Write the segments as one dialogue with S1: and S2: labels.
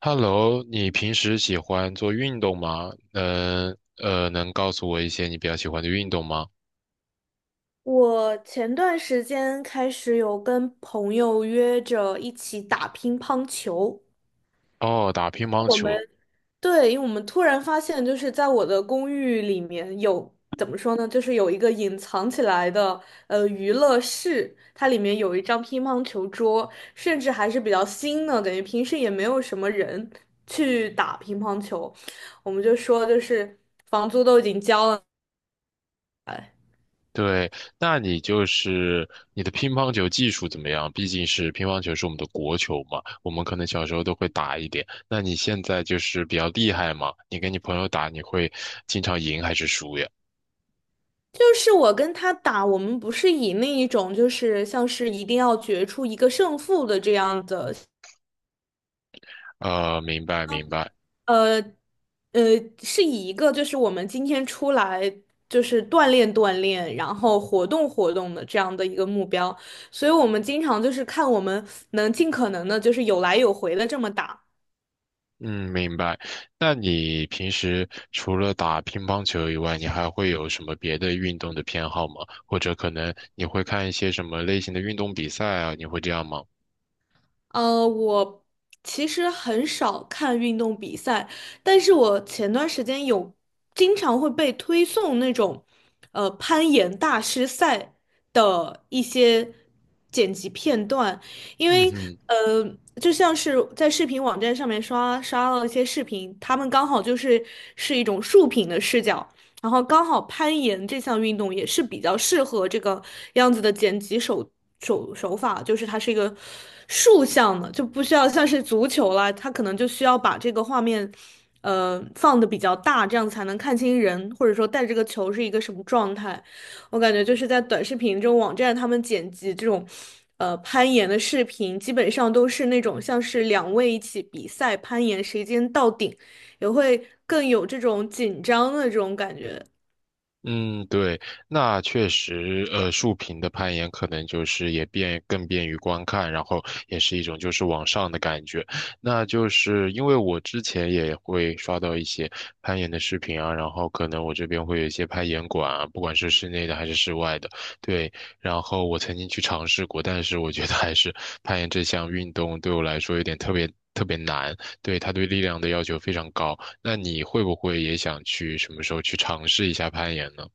S1: Hello，你平时喜欢做运动吗？能告诉我一些你比较喜欢的运动吗？
S2: 我前段时间开始有跟朋友约着一起打乒乓球。
S1: 哦，打乒乓球。
S2: 对，因为我们突然发现，就是在我的公寓里面有，怎么说呢，就是有一个隐藏起来的娱乐室，它里面有一张乒乓球桌，甚至还是比较新的，等于平时也没有什么人去打乒乓球。我们就说就是。房租都已经交了。
S1: 对，那你就是你的乒乓球技术怎么样？毕竟是乒乓球是我们的国球嘛，我们可能小时候都会打一点。那你现在就是比较厉害吗？你跟你朋友打，你会经常赢还是输呀？
S2: 就是我跟他打，我们不是以那一种就是像是一定要决出一个胜负的这样的，
S1: 明白明白。
S2: 呃，呃，是以一个就是我们今天出来就是锻炼锻炼，然后活动活动的这样的一个目标，所以我们经常就是看我们能尽可能的就是有来有回的这么打。
S1: 嗯，明白。那你平时除了打乒乓球以外，你还会有什么别的运动的偏好吗？或者可能你会看一些什么类型的运动比赛啊？你会这样吗？
S2: 我其实很少看运动比赛，但是我前段时间有经常会被推送那种，攀岩大师赛的一些剪辑片段，因
S1: 嗯
S2: 为
S1: 哼。
S2: 就像是在视频网站上面刷到一些视频，他们刚好就是是一种竖屏的视角，然后刚好攀岩这项运动也是比较适合这个样子的剪辑手法，就是它是一个竖向的，就不需要像是足球啦，它可能就需要把这个画面，放的比较大，这样才能看清人，或者说带这个球是一个什么状态。我感觉就是在短视频这种网站，他们剪辑这种攀岩的视频基本上都是那种像是两位一起比赛攀岩，谁先到顶，也会更有这种紧张的这种感觉。
S1: 嗯，对，那确实，竖屏的攀岩可能就是也便更便于观看，然后也是一种就是往上的感觉。那就是因为我之前也会刷到一些攀岩的视频啊，然后可能我这边会有一些攀岩馆啊，不管是室内的还是室外的，对。然后我曾经去尝试过，但是我觉得还是攀岩这项运动对我来说有点特别特别难，对，它对力量的要求非常高。那你会不会也想去什么时候去尝试一下攀岩呢？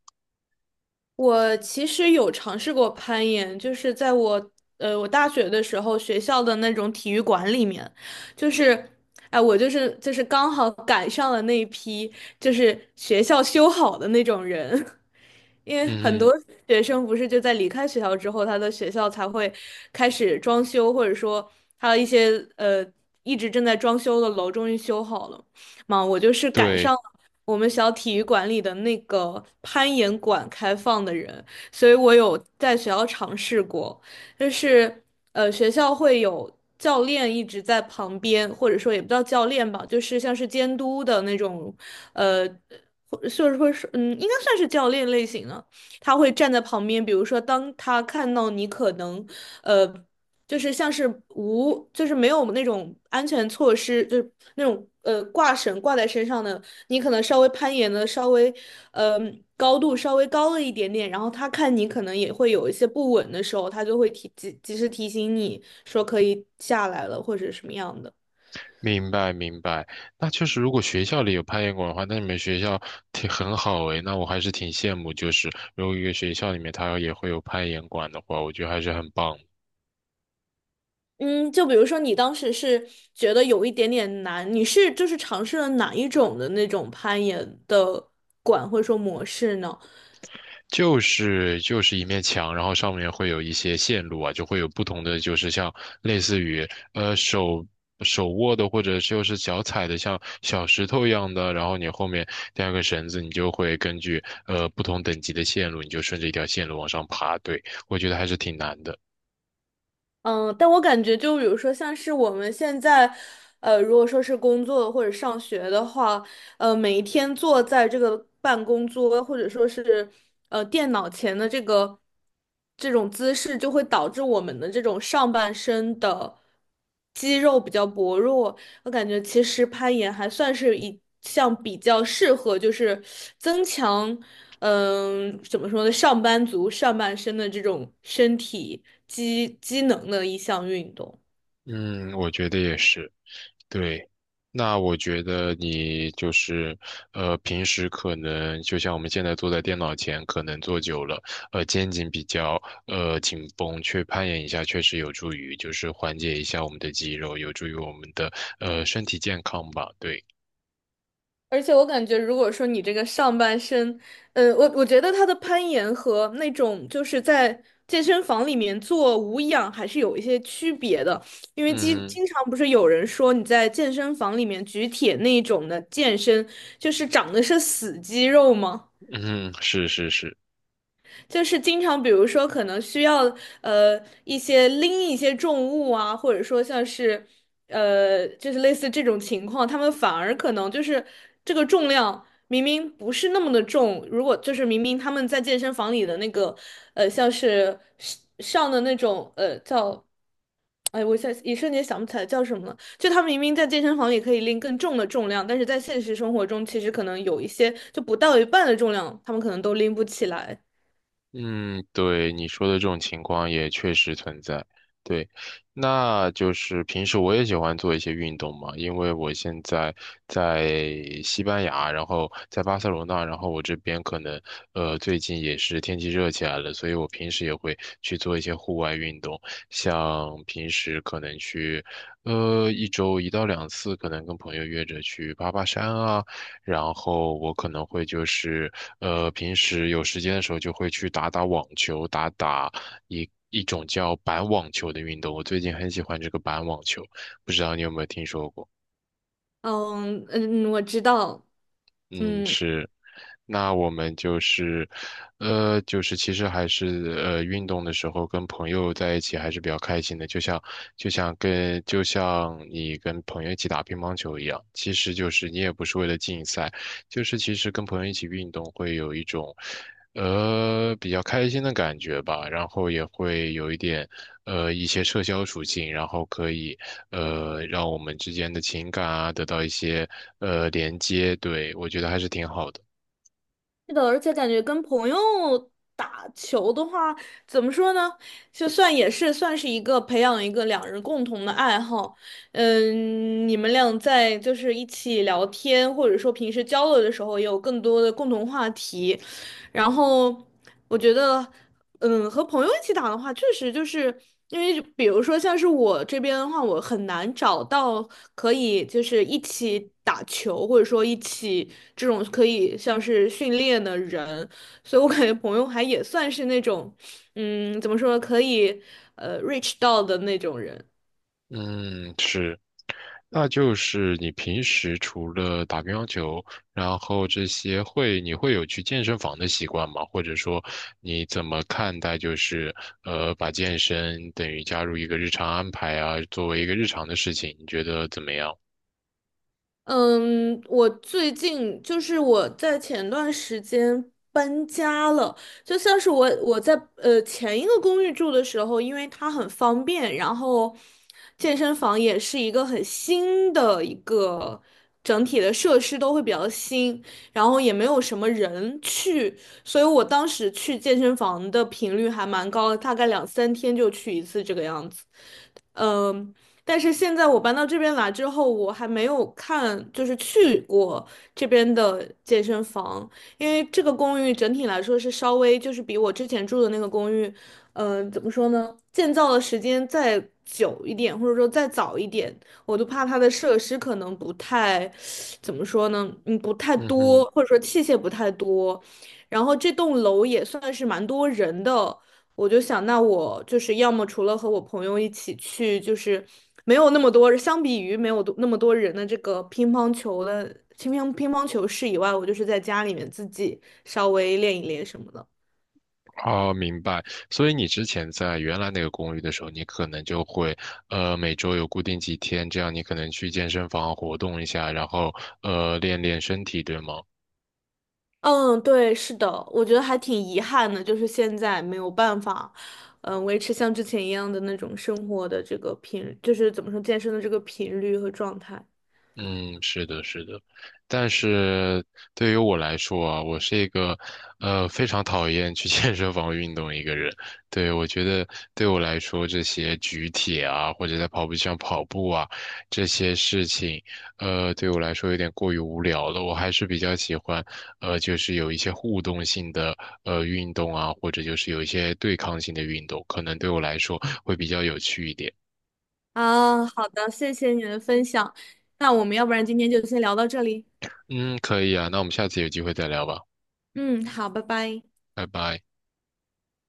S2: 我其实有尝试过攀岩，就是在我大学的时候学校的那种体育馆里面。就是哎，我刚好赶上了那一批就是学校修好的那种人。因为很
S1: 嗯哼，
S2: 多学生不是就在离开学校之后，他的学校才会开始装修，或者说他的一些呃一直正在装修的楼终于修好了嘛。我就是赶上
S1: 对，
S2: 了我们小体育馆里的那个攀岩馆开放的人，所以我有在学校尝试过，就是学校会有教练一直在旁边，或者说也不叫教练吧，就是像是监督的那种呃。或就是会是，嗯，应该算是教练类型的，他会站在旁边，比如说当他看到你可能，呃，就是像是无，就是没有那种安全措施，就是那种挂绳挂在身上的，你可能稍微攀岩的稍微，呃，高度稍微高了一点点，然后他看你可能也会有一些不稳的时候，他就会及时提醒你说可以下来了或者什么样的。
S1: 明白明白。那确实，如果学校里有攀岩馆的话，那你们学校挺很好诶。那我还是挺羡慕，就是如果一个学校里面它也会有攀岩馆的话，我觉得还是很棒。
S2: 嗯，就比如说你当时是觉得有一点点难，你是就是尝试了哪一种的那种攀岩的馆或者说模式呢？
S1: 就是就是一面墙，然后上面会有一些线路啊，就会有不同的，就是像类似于呃手手握的或者就是脚踩的像小石头一样的，然后你后面带个绳子，你就会根据不同等级的线路，你就顺着一条线路往上爬。对，我觉得还是挺难的。
S2: 嗯，但我感觉就比如说像是我们现在，如果说是工作或者上学的话，每一天坐在这个办公桌或者说是电脑前的这种姿势，就会导致我们的这种上半身的，肌肉比较薄弱。我感觉其实攀岩还算是一项比较适合，就是增强，怎么说呢，上班族上半身的这种身体机能的一项运动。
S1: 嗯，我觉得也是。对，那我觉得你就是，平时可能就像我们现在坐在电脑前，可能坐久了，呃，肩颈比较紧绷，去攀岩一下确实有助于，就是缓解一下我们的肌肉，有助于我们的身体健康吧。对，
S2: 而且我感觉，如果说你这个上半身，我觉得它的攀岩和那种就是在健身房里面做无氧还是有一些区别的，因为经
S1: 嗯
S2: 经常不是有人说你在健身房里面举铁那种的健身，就是长的是死肌肉吗？
S1: 哼嗯哼，是是是。
S2: 就是经常，比如说可能需要一些拎一些重物啊，或者说像是就是类似这种情况，他们反而可能就是这个重量明明不是那么的重，如果就是明明他们在健身房里的那个像是上上的那种叫。哎，我现在一瞬间想不起来叫什么了。就他们明明在健身房里可以拎更重的重量，但是在现实生活中，其实可能有一些就不到一半的重量，他们可能都拎不起来。
S1: 嗯，对，你说的这种情况也确实存在。对，那就是平时我也喜欢做一些运动嘛，因为我现在在西班牙，然后在巴塞罗那，然后我这边可能最近也是天气热起来了，所以我平时也会去做一些户外运动，像平时可能去一周一到两次，可能跟朋友约着去爬爬山啊。然后我可能会就是，平时有时间的时候就会去打打网球，打打一种叫板网球的运动。我最近很喜欢这个板网球，不知道你有没有听说过？
S2: 嗯嗯，我知道。
S1: 嗯，
S2: 嗯。
S1: 是那我们就是，就是其实还是运动的时候跟朋友在一起还是比较开心的，就像你跟朋友一起打乒乓球一样，其实就是你也不是为了竞赛，就是其实跟朋友一起运动会有一种，比较开心的感觉吧，然后也会有一点一些社交属性，然后可以让我们之间的情感啊得到一些连接，对，我觉得还是挺好的。
S2: 是的，而且感觉跟朋友打球的话，怎么说呢？就算也是算是一个培养一个两人共同的爱好，嗯，你们俩在就是一起聊天，或者说平时交流的时候，也有更多的共同话题，然后我觉得，嗯，和朋友一起打的话，确实就是因为，比如说像是我这边的话，我很难找到可以就是一起打球，或者说一起这种可以像是训练的人，所以我感觉朋友还也算是那种，嗯，怎么说，可以reach 到的那种人。
S1: 嗯，是，那就是你平时除了打乒乓球，然后这些会，你会有去健身房的习惯吗？或者说，你怎么看待就是把健身等于加入一个日常安排啊，作为一个日常的事情，你觉得怎么样？
S2: 嗯，我最近就是我在前段时间搬家了。就像是我在前一个公寓住的时候，因为它很方便，然后健身房也是一个很新的一个整体的设施都会比较新，然后也没有什么人去，所以我当时去健身房的频率还蛮高的，大概两三天就去一次这个样子。嗯，但是现在我搬到这边来之后，我还没有看，就是去过这边的健身房，因为这个公寓整体来说是稍微就是比我之前住的那个公寓，怎么说呢，建造的时间再久一点，或者说再早一点，我都怕它的设施可能不太，怎么说呢，不太
S1: 嗯
S2: 多，
S1: 哼，
S2: 或者说器械不太多，然后这栋楼也算是蛮多人的。我就想，那我就是要么除了和我朋友一起去，就是没有那么多，相比于没有多那么多人的这个乒乓球的乒乓球室以外，我就是在家里面自己稍微练一练什么的。
S1: 好，明白。所以你之前在原来那个公寓的时候，你可能就会，每周有固定几天，这样你可能去健身房活动一下，然后练练身体，对吗？
S2: 嗯，对，是的，我觉得还挺遗憾的，就是现在没有办法，维持像之前一样的那种生活的这个频，就是怎么说健身的这个频率和状态。
S1: 嗯，是的，是的，但是对于我来说啊，我是一个，非常讨厌去 健身房运动一个人。对，我觉得对我来说，这些举铁啊，或者在跑步机上跑步啊，这些事情，对我来说有点过于无聊了。我还是比较喜欢，就是有一些互动性的，运动啊，或者就是有一些对抗性的运动，可能对我来说会比较有趣一点。
S2: 啊，好的，谢谢你的分享。那我们要不然今天就先聊到这里。
S1: 嗯，可以啊，那我们下次有机会再聊吧，
S2: 嗯，好，拜拜。
S1: 拜拜。